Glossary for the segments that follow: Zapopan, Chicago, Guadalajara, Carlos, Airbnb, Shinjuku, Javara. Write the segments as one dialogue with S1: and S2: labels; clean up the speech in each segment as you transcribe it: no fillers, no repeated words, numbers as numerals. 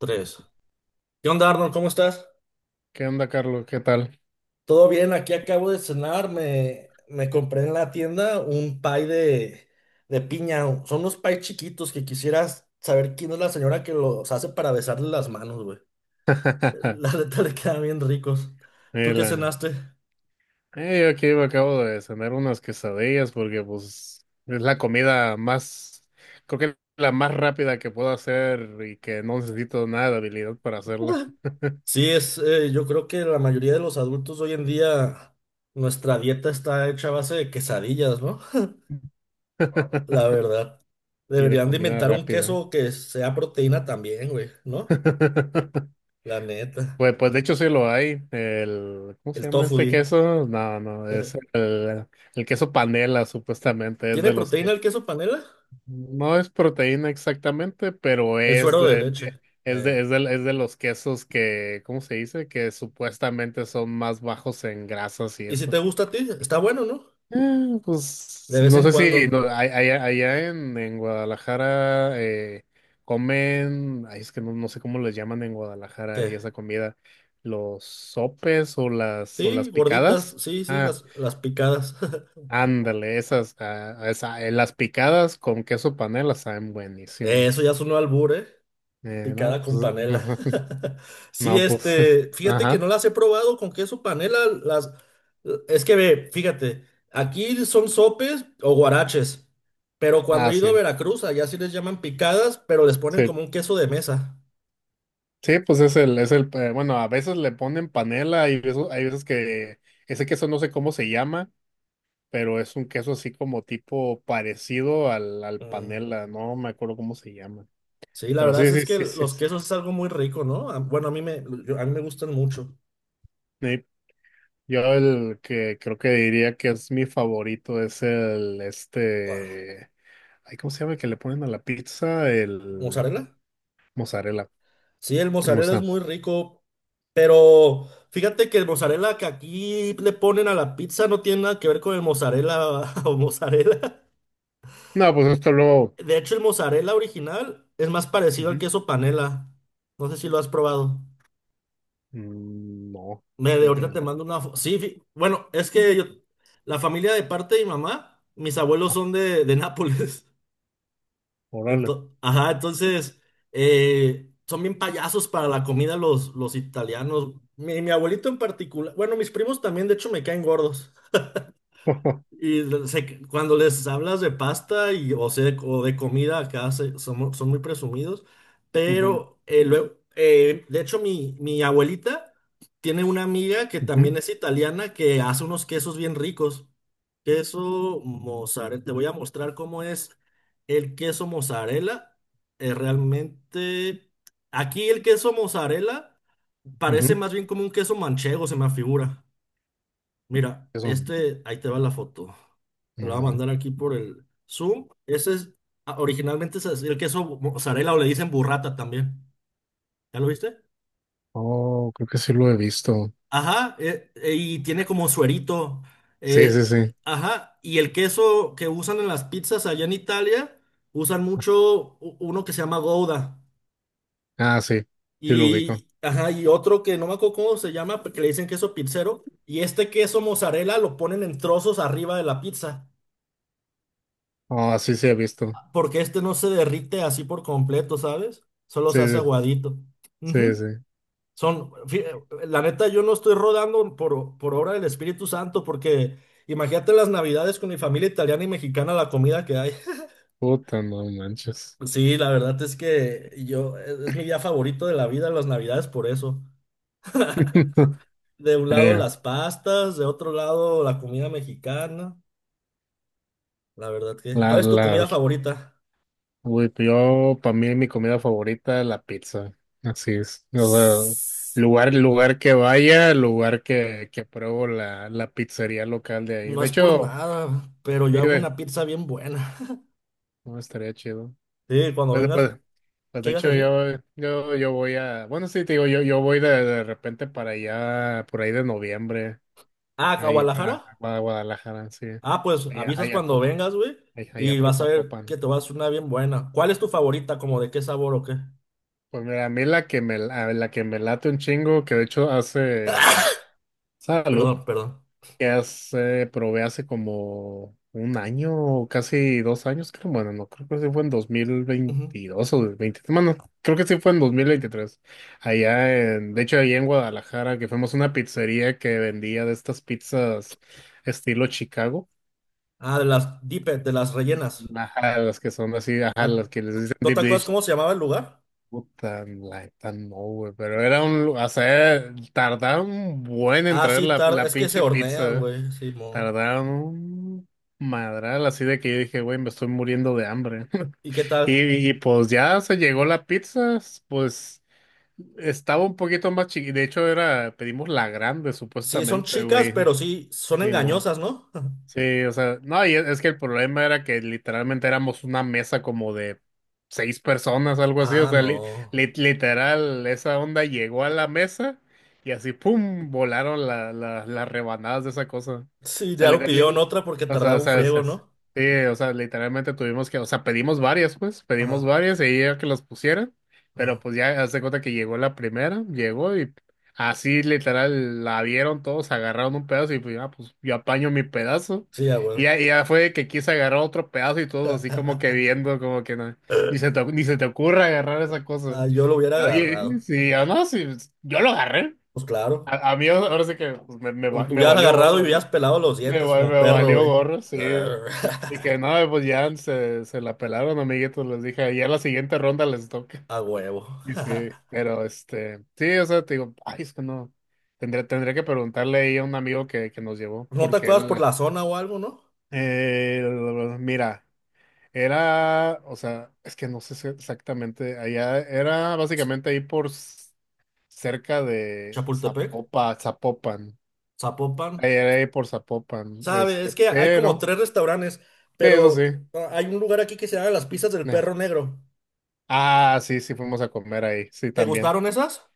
S1: Tres. ¿Qué onda, Arnold? ¿Cómo estás?
S2: ¿Qué onda, Carlos? ¿Qué tal?
S1: Todo bien, aquí acabo de cenar, me compré en la tienda un pie de piña. Son unos pies chiquitos que quisieras saber quién es la señora que los hace para besarle las manos, güey. La neta le quedan bien ricos. ¿Tú qué
S2: Mira,
S1: cenaste?
S2: yo aquí me acabo de cenar unas quesadillas porque pues es la comida más, creo que la más rápida que puedo hacer y que no necesito nada de habilidad para hacerla.
S1: Sí, yo creo que la mayoría de los adultos hoy en día, nuestra dieta está hecha a base de quesadillas, ¿no? La verdad.
S2: Y de
S1: Deberían de
S2: comida
S1: inventar un
S2: rápida.
S1: queso que sea proteína también, güey, ¿no? La neta.
S2: Pues, pues de hecho sí lo hay. El, ¿cómo se
S1: El
S2: llama
S1: tofu
S2: este
S1: di.
S2: queso? No, no, es el queso panela, supuestamente, es
S1: ¿Tiene
S2: de los.
S1: proteína el queso panela?
S2: No es proteína exactamente, pero
S1: El
S2: es
S1: suero de
S2: de,
S1: leche. Eh,
S2: es de los quesos que, ¿cómo se dice? Que supuestamente son más bajos en grasas y
S1: ¿Y si te
S2: eso.
S1: gusta a ti? Está bueno, ¿no?
S2: Pues
S1: De vez
S2: no
S1: en
S2: sé si no,
S1: cuando.
S2: allá, en Guadalajara comen, ay, es que no, no sé cómo les llaman en Guadalajara
S1: ¿Qué?
S2: y esa comida, los sopes o las
S1: Sí, gorditas.
S2: picadas.
S1: Sí, sí,
S2: Ah,
S1: las picadas.
S2: ándale, esas, ah, las picadas con queso panela saben
S1: Eso ya
S2: buenísimas.
S1: es un albur, ¿eh?
S2: No,
S1: Picada con
S2: pues,
S1: panela. Sí,
S2: no, pues,
S1: este, fíjate que no
S2: ajá,
S1: las he probado con queso panela. Las, es que ve, fíjate, aquí son sopes o guaraches, pero cuando
S2: ah,
S1: he
S2: sí,
S1: ido a Veracruz, allá sí les llaman picadas, pero les ponen
S2: sí,
S1: como un queso de mesa.
S2: sí, pues es el, bueno, a veces le ponen panela y hay veces que ese queso no sé cómo se llama, pero es un queso así como tipo parecido al
S1: Mm.
S2: panela, no me acuerdo cómo se llama,
S1: Sí, la
S2: pero
S1: verdad
S2: sí,
S1: es
S2: sí,
S1: que
S2: sí, sí,
S1: los
S2: sí.
S1: quesos es algo muy rico, ¿no? Bueno, a mí me gustan mucho.
S2: Yo el que creo que diría que es mi favorito es
S1: Ah,
S2: ay, ¿cómo se llama el que le ponen a la pizza? El
S1: ¿mozzarella?
S2: mozzarella,
S1: Sí, el
S2: o
S1: mozzarella es
S2: sea,
S1: muy rico, pero fíjate que el mozzarella que aquí le ponen a la pizza no tiene nada que ver con el mozzarella o mozzarella.
S2: no, pues esto luego.
S1: De hecho, el mozzarella original es más parecido al
S2: Ujú.
S1: queso panela. No sé si lo has probado.
S2: Mm, no,
S1: De
S2: fíjate que
S1: ahorita te
S2: no.
S1: mando una... Sí, bueno, es que la familia de parte de mi mamá, mis abuelos
S2: Ah,
S1: son de Nápoles.
S2: órale.
S1: Ajá, entonces son bien payasos para la comida los italianos. Mi abuelito en particular, bueno, mis primos también, de hecho, me caen gordos. Y cuando les hablas de pasta y, o sea, o de comida, son, son muy presumidos.
S2: Ujú,
S1: Pero luego, de hecho, mi abuelita tiene una amiga que
S2: ujú,
S1: también es italiana que hace unos quesos bien ricos. Queso mozzarella. Te voy a mostrar cómo es el queso mozzarella. Realmente, aquí el queso mozzarella parece
S2: ujú.
S1: más bien como un queso manchego, se me figura. Mira,
S2: Eso.
S1: este, ahí te va la foto.
S2: A
S1: Te la voy a
S2: ver.
S1: mandar aquí por el Zoom. Originalmente es el queso mozzarella o le dicen burrata también. ¿Ya lo viste?
S2: Oh, creo que sí lo he visto.
S1: Ajá, y tiene como suerito.
S2: Sí, sí,
S1: eh,
S2: sí.
S1: ajá, y el queso que usan en las pizzas allá en Italia, usan mucho uno que se llama Gouda.
S2: Ah, sí. Sí lo ubico.
S1: Y, ajá, y otro que no me acuerdo cómo se llama, que le dicen queso pizzero. Y este queso mozzarella lo ponen en trozos arriba de la pizza,
S2: Ah, sí, sí he visto.
S1: porque este no se derrite así por completo, ¿sabes? Solo
S2: Sí,
S1: se hace
S2: sí,
S1: aguadito.
S2: sí,
S1: Ujú.
S2: sí.
S1: La neta, yo no estoy rodando por obra del Espíritu Santo, porque imagínate las navidades con mi familia italiana y mexicana, la comida que hay.
S2: Puta, no manches.
S1: Sí, la verdad es que yo, es mi día favorito de la vida, las navidades, por eso. De un lado
S2: Eh,
S1: las pastas, de otro lado la comida mexicana. La verdad que, ¿cuál
S2: la,
S1: es tu comida favorita?
S2: uy, yo, para mí, mi comida favorita es la pizza. Así es. O sea,
S1: Sss,
S2: lugar, lugar que vaya, lugar que pruebo la, la pizzería local de ahí.
S1: No
S2: De
S1: es por
S2: hecho,
S1: nada, pero yo
S2: sí,
S1: hago
S2: güey,
S1: una pizza bien buena.
S2: no estaría chido.
S1: Sí, cuando
S2: Pues,
S1: vengas,
S2: pues, pues
S1: ¿qué
S2: de
S1: ibas a
S2: hecho
S1: decir?
S2: yo, yo voy a, bueno sí te digo, yo voy de repente para allá, por ahí de noviembre,
S1: Ah, ¿a
S2: ahí a,
S1: Guadalajara?
S2: Guadalajara, sí,
S1: Ah, pues
S2: allá,
S1: avisas
S2: allá
S1: cuando
S2: por,
S1: vengas, güey,
S2: allá, allá
S1: y
S2: por
S1: vas a ver
S2: Zapopan.
S1: que te vas a hacer una bien buena. ¿Cuál es tu favorita? ¿Como de qué sabor o qué?
S2: Pues mira, a mí la que me, la que me late un chingo, que de hecho hace, salud,
S1: Perdón, perdón.
S2: que hace, probé hace como un año o casi dos años, creo. Bueno, no, creo que sí fue en dos mil
S1: Ujú.
S2: veintidós o 2023. Bueno, creo que sí fue en dos mil veintitrés. Allá en, de hecho, ahí en Guadalajara, que fuimos a una pizzería que vendía de estas pizzas estilo Chicago.
S1: Ah, de las rellenas.
S2: Ajá, las que son así, ajá,
S1: Ah,
S2: las que les dicen
S1: ¿no
S2: deep
S1: te acuerdas
S2: dish.
S1: cómo se llamaba el lugar?
S2: Puta, la neta, no, güey, pero era o sea, tardaron un buen en
S1: Ah,
S2: traer
S1: sí,
S2: la, la
S1: es que se
S2: pinche
S1: hornean,
S2: pizza. ¿Eh?
S1: güey, sí, mo.
S2: Tardaron un madral, así de que yo dije, güey, me estoy muriendo de hambre.
S1: ¿Y qué tal?
S2: Pues ya se llegó la pizza, pues estaba un poquito más chiquita. De hecho, era, pedimos la grande,
S1: Sí, son
S2: supuestamente,
S1: chicas,
S2: güey.
S1: pero sí, son engañosas, ¿no?
S2: Sí, o sea, no, y es que el problema era que literalmente éramos una mesa como de seis personas, algo así, o
S1: Ah,
S2: sea,
S1: no.
S2: literal, esa onda llegó a la mesa y así, ¡pum!, volaron las rebanadas de esa cosa. O
S1: Sí,
S2: sea,
S1: claro, pidieron otra porque
S2: o sea,
S1: tardaba un friego,
S2: sí,
S1: ¿no?
S2: o sea, literalmente tuvimos que, o sea, pedimos varias, pues, pedimos
S1: Ajá,
S2: varias y ella que las pusieran, pero
S1: ajá.
S2: pues ya, haz de cuenta que llegó la primera, llegó. Así literal la vieron todos, agarraron un pedazo y pues ya, pues yo apaño mi pedazo.
S1: Sí, a huevo.
S2: Y ya fue que quise agarrar otro pedazo y todos así como que viendo, como que no, ni se te, ni se te ocurra agarrar esa cosa.
S1: Ah, yo lo hubiera
S2: Oye,
S1: agarrado.
S2: sí, yo no, sí, pues, yo lo agarré.
S1: Pues claro.
S2: A mí ahora sí que pues, me,
S1: Lo
S2: me
S1: hubieras
S2: valió
S1: agarrado y
S2: gorro,
S1: hubieras
S2: ¿no?
S1: pelado los
S2: Me,
S1: dientes como
S2: me
S1: perro,
S2: valió
S1: güey.
S2: gorro, sí.
S1: Arr.
S2: Dije, no, pues ya se la pelaron, amiguitos, les dije, ya la siguiente ronda les toca.
S1: A huevo.
S2: Sí, sí, pero este, sí, o sea, te digo, ay, es que no, tendría que preguntarle ahí a un amigo que nos llevó,
S1: ¿No te
S2: porque
S1: acuerdas por
S2: él,
S1: la zona o algo, no?
S2: eh, mira, era, o sea, es que no sé si exactamente, allá era básicamente ahí por cerca de
S1: Chapultepec,
S2: Zapopan,
S1: Zapopan.
S2: ahí era ahí por Zapopan,
S1: Sabe, es
S2: este,
S1: que hay como
S2: pero,
S1: tres restaurantes,
S2: sí, eso sí,
S1: pero hay un lugar aquí que se llama Las Pizzas del
S2: eh.
S1: Perro Negro.
S2: Ah, sí, sí, fuimos a comer ahí, sí,
S1: ¿Te
S2: también.
S1: gustaron esas?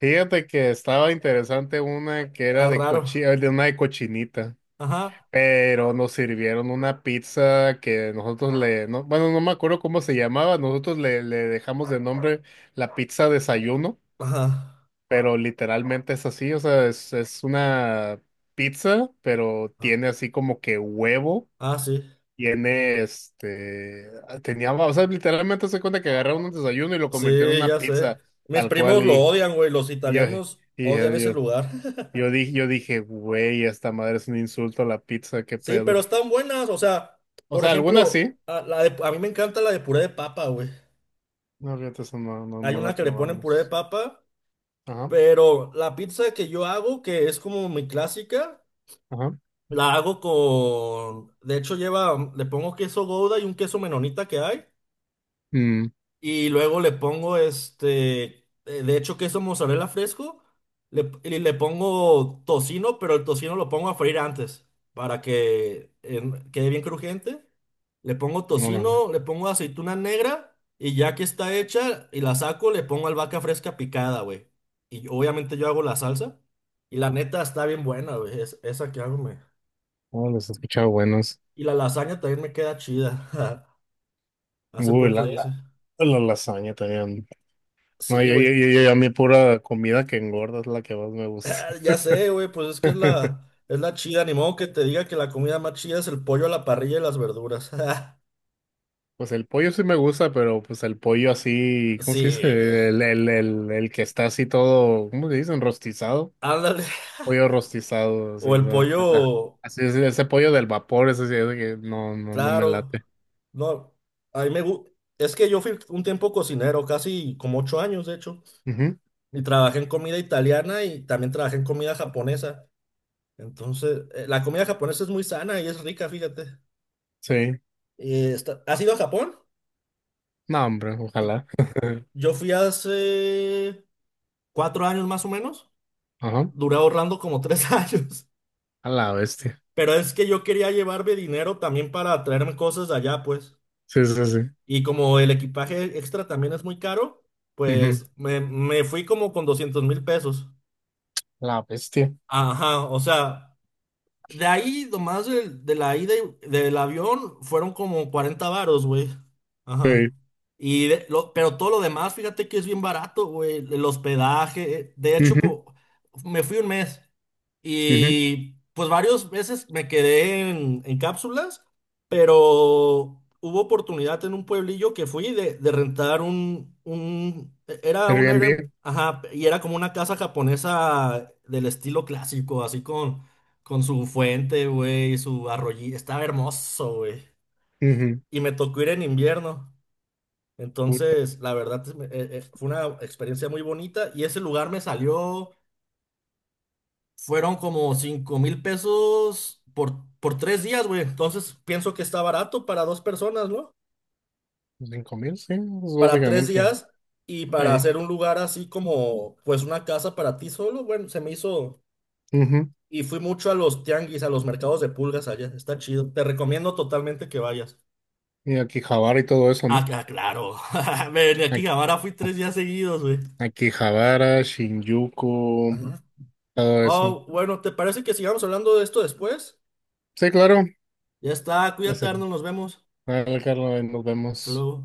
S2: Fíjate que estaba interesante una que era
S1: Ah,
S2: de
S1: raro.
S2: de una de cochinita,
S1: Ajá.
S2: pero nos sirvieron una pizza que nosotros le, no, bueno, no me acuerdo cómo se llamaba, nosotros le, le dejamos de nombre la pizza desayuno,
S1: Ajá.
S2: pero literalmente es así, o sea, es una pizza, pero
S1: Ah,
S2: tiene así como que huevo,
S1: ah, sí.
S2: tiene este, ah, tenía, o sea, literalmente se cuenta que agarraron un desayuno y lo convirtieron en
S1: Sí,
S2: una
S1: ya sé.
S2: pizza,
S1: Mis
S2: tal cual,
S1: primos lo
S2: y,
S1: odian, güey. Los
S2: y yo-
S1: italianos odian ese
S2: yo,
S1: lugar.
S2: yo dije, yo dije, güey, esta madre es un insulto a la pizza, qué
S1: Sí,
S2: pedo.
S1: pero están buenas. O sea,
S2: O
S1: por
S2: sea, algunas
S1: ejemplo,
S2: sí.
S1: a mí me encanta la de puré de papa, güey.
S2: No, fíjate, eso no, no,
S1: Hay
S2: no
S1: una
S2: la
S1: que le ponen puré de
S2: probamos.
S1: papa,
S2: Ajá,
S1: pero la pizza que yo hago, que es como mi clásica,
S2: ajá.
S1: la hago con... De hecho, lleva, le pongo queso Gouda y un queso menonita que hay.
S2: Mm,
S1: Y luego le pongo este, de hecho, queso mozzarella fresco. Y le pongo tocino, pero el tocino lo pongo a freír antes para que quede bien crujiente. Le pongo
S2: órale.
S1: tocino, le pongo aceituna negra y ya que está hecha y la saco, le pongo albahaca fresca picada, güey. Obviamente yo hago la salsa y la neta está bien buena, güey. Esa que hago, me.
S2: Oh, los he escuchado buenos.
S1: Y la lasaña también me queda chida. Hace
S2: Uy,
S1: poco
S2: la,
S1: hice.
S2: la, la lasaña también. No,
S1: Sí,
S2: yo,
S1: güey.
S2: a mí pura comida que engorda es la que más me gusta.
S1: Ah, ya sé, güey, pues es que es la, es la chida, ni modo que te diga que la comida más chida es el pollo a la parrilla y las verduras.
S2: Pues el pollo sí me gusta, pero pues el pollo así, ¿cómo
S1: Sí,
S2: se dice? El que está así todo, ¿cómo se dice? Enrostizado.
S1: ándale.
S2: Pollo rostizado, así,
S1: O el
S2: o sea,
S1: pollo,
S2: así es, ese pollo del vapor, ese sí es de que no, no, no me
S1: claro.
S2: late.
S1: No, a mí me gusta. Es que yo fui un tiempo cocinero, casi como 8 años, de hecho,
S2: Ujú,
S1: y trabajé en comida italiana y también trabajé en comida japonesa. Entonces, la comida japonesa es muy sana y es rica, fíjate.
S2: sí,
S1: ¿Has ido a Japón?
S2: no, hombre, ojalá.
S1: Yo fui hace 4 años más o menos.
S2: Ajá,
S1: Duré ahorrando como tres años.
S2: a la bestia.
S1: Pero es que yo quería llevarme dinero también para traerme cosas de allá, pues.
S2: Sí, sí, sí.
S1: Y como el equipaje extra también es muy caro,
S2: Ujú,
S1: pues me fui como con 200.000 pesos.
S2: la bestia.
S1: Ajá, o sea, de ahí nomás de la ida del avión fueron como 40 varos, güey. Ajá.
S2: Sí.
S1: Pero todo lo demás, fíjate que es bien barato, güey. El hospedaje. De hecho,
S2: Ujú,
S1: me fui un mes.
S2: ujú.
S1: Y pues varias veces me quedé en cápsulas, pero hubo oportunidad en un pueblillo que fui de rentar un, e-, era un, era-
S2: Airbnb.
S1: ajá, y era como una casa japonesa del estilo clásico, así con su fuente, güey, su arroyito, estaba hermoso, güey.
S2: Ujú,
S1: Y me tocó ir en invierno.
S2: puta,
S1: Entonces, la verdad, fue una experiencia muy bonita y ese lugar me salió. Fueron como 5.000 pesos por 3 días, güey. Entonces pienso que está barato para dos personas, ¿no?
S2: 5000, sí, pues,
S1: Para tres
S2: básicamente.
S1: días y para
S2: Ahí.
S1: hacer un lugar así como, pues una casa para ti solo, bueno, se me hizo.
S2: Ujú.
S1: Y fui mucho a los tianguis, a los mercados de pulgas allá. Está chido. Te recomiendo totalmente que vayas.
S2: Y aquí Javara y todo eso,
S1: Ah,
S2: ¿no?
S1: claro. Ven aquí,
S2: Aquí,
S1: ahora fui 3 días seguidos, güey.
S2: aquí Javara, Shinjuku,
S1: Ajá.
S2: todo eso.
S1: Oh, bueno, ¿te parece que sigamos hablando de esto después?
S2: Sí, claro.
S1: Ya está, cuídate,
S2: Sí.
S1: Arnold, nos vemos.
S2: Dale, Carlos, ahí nos
S1: Hasta
S2: vemos.
S1: luego.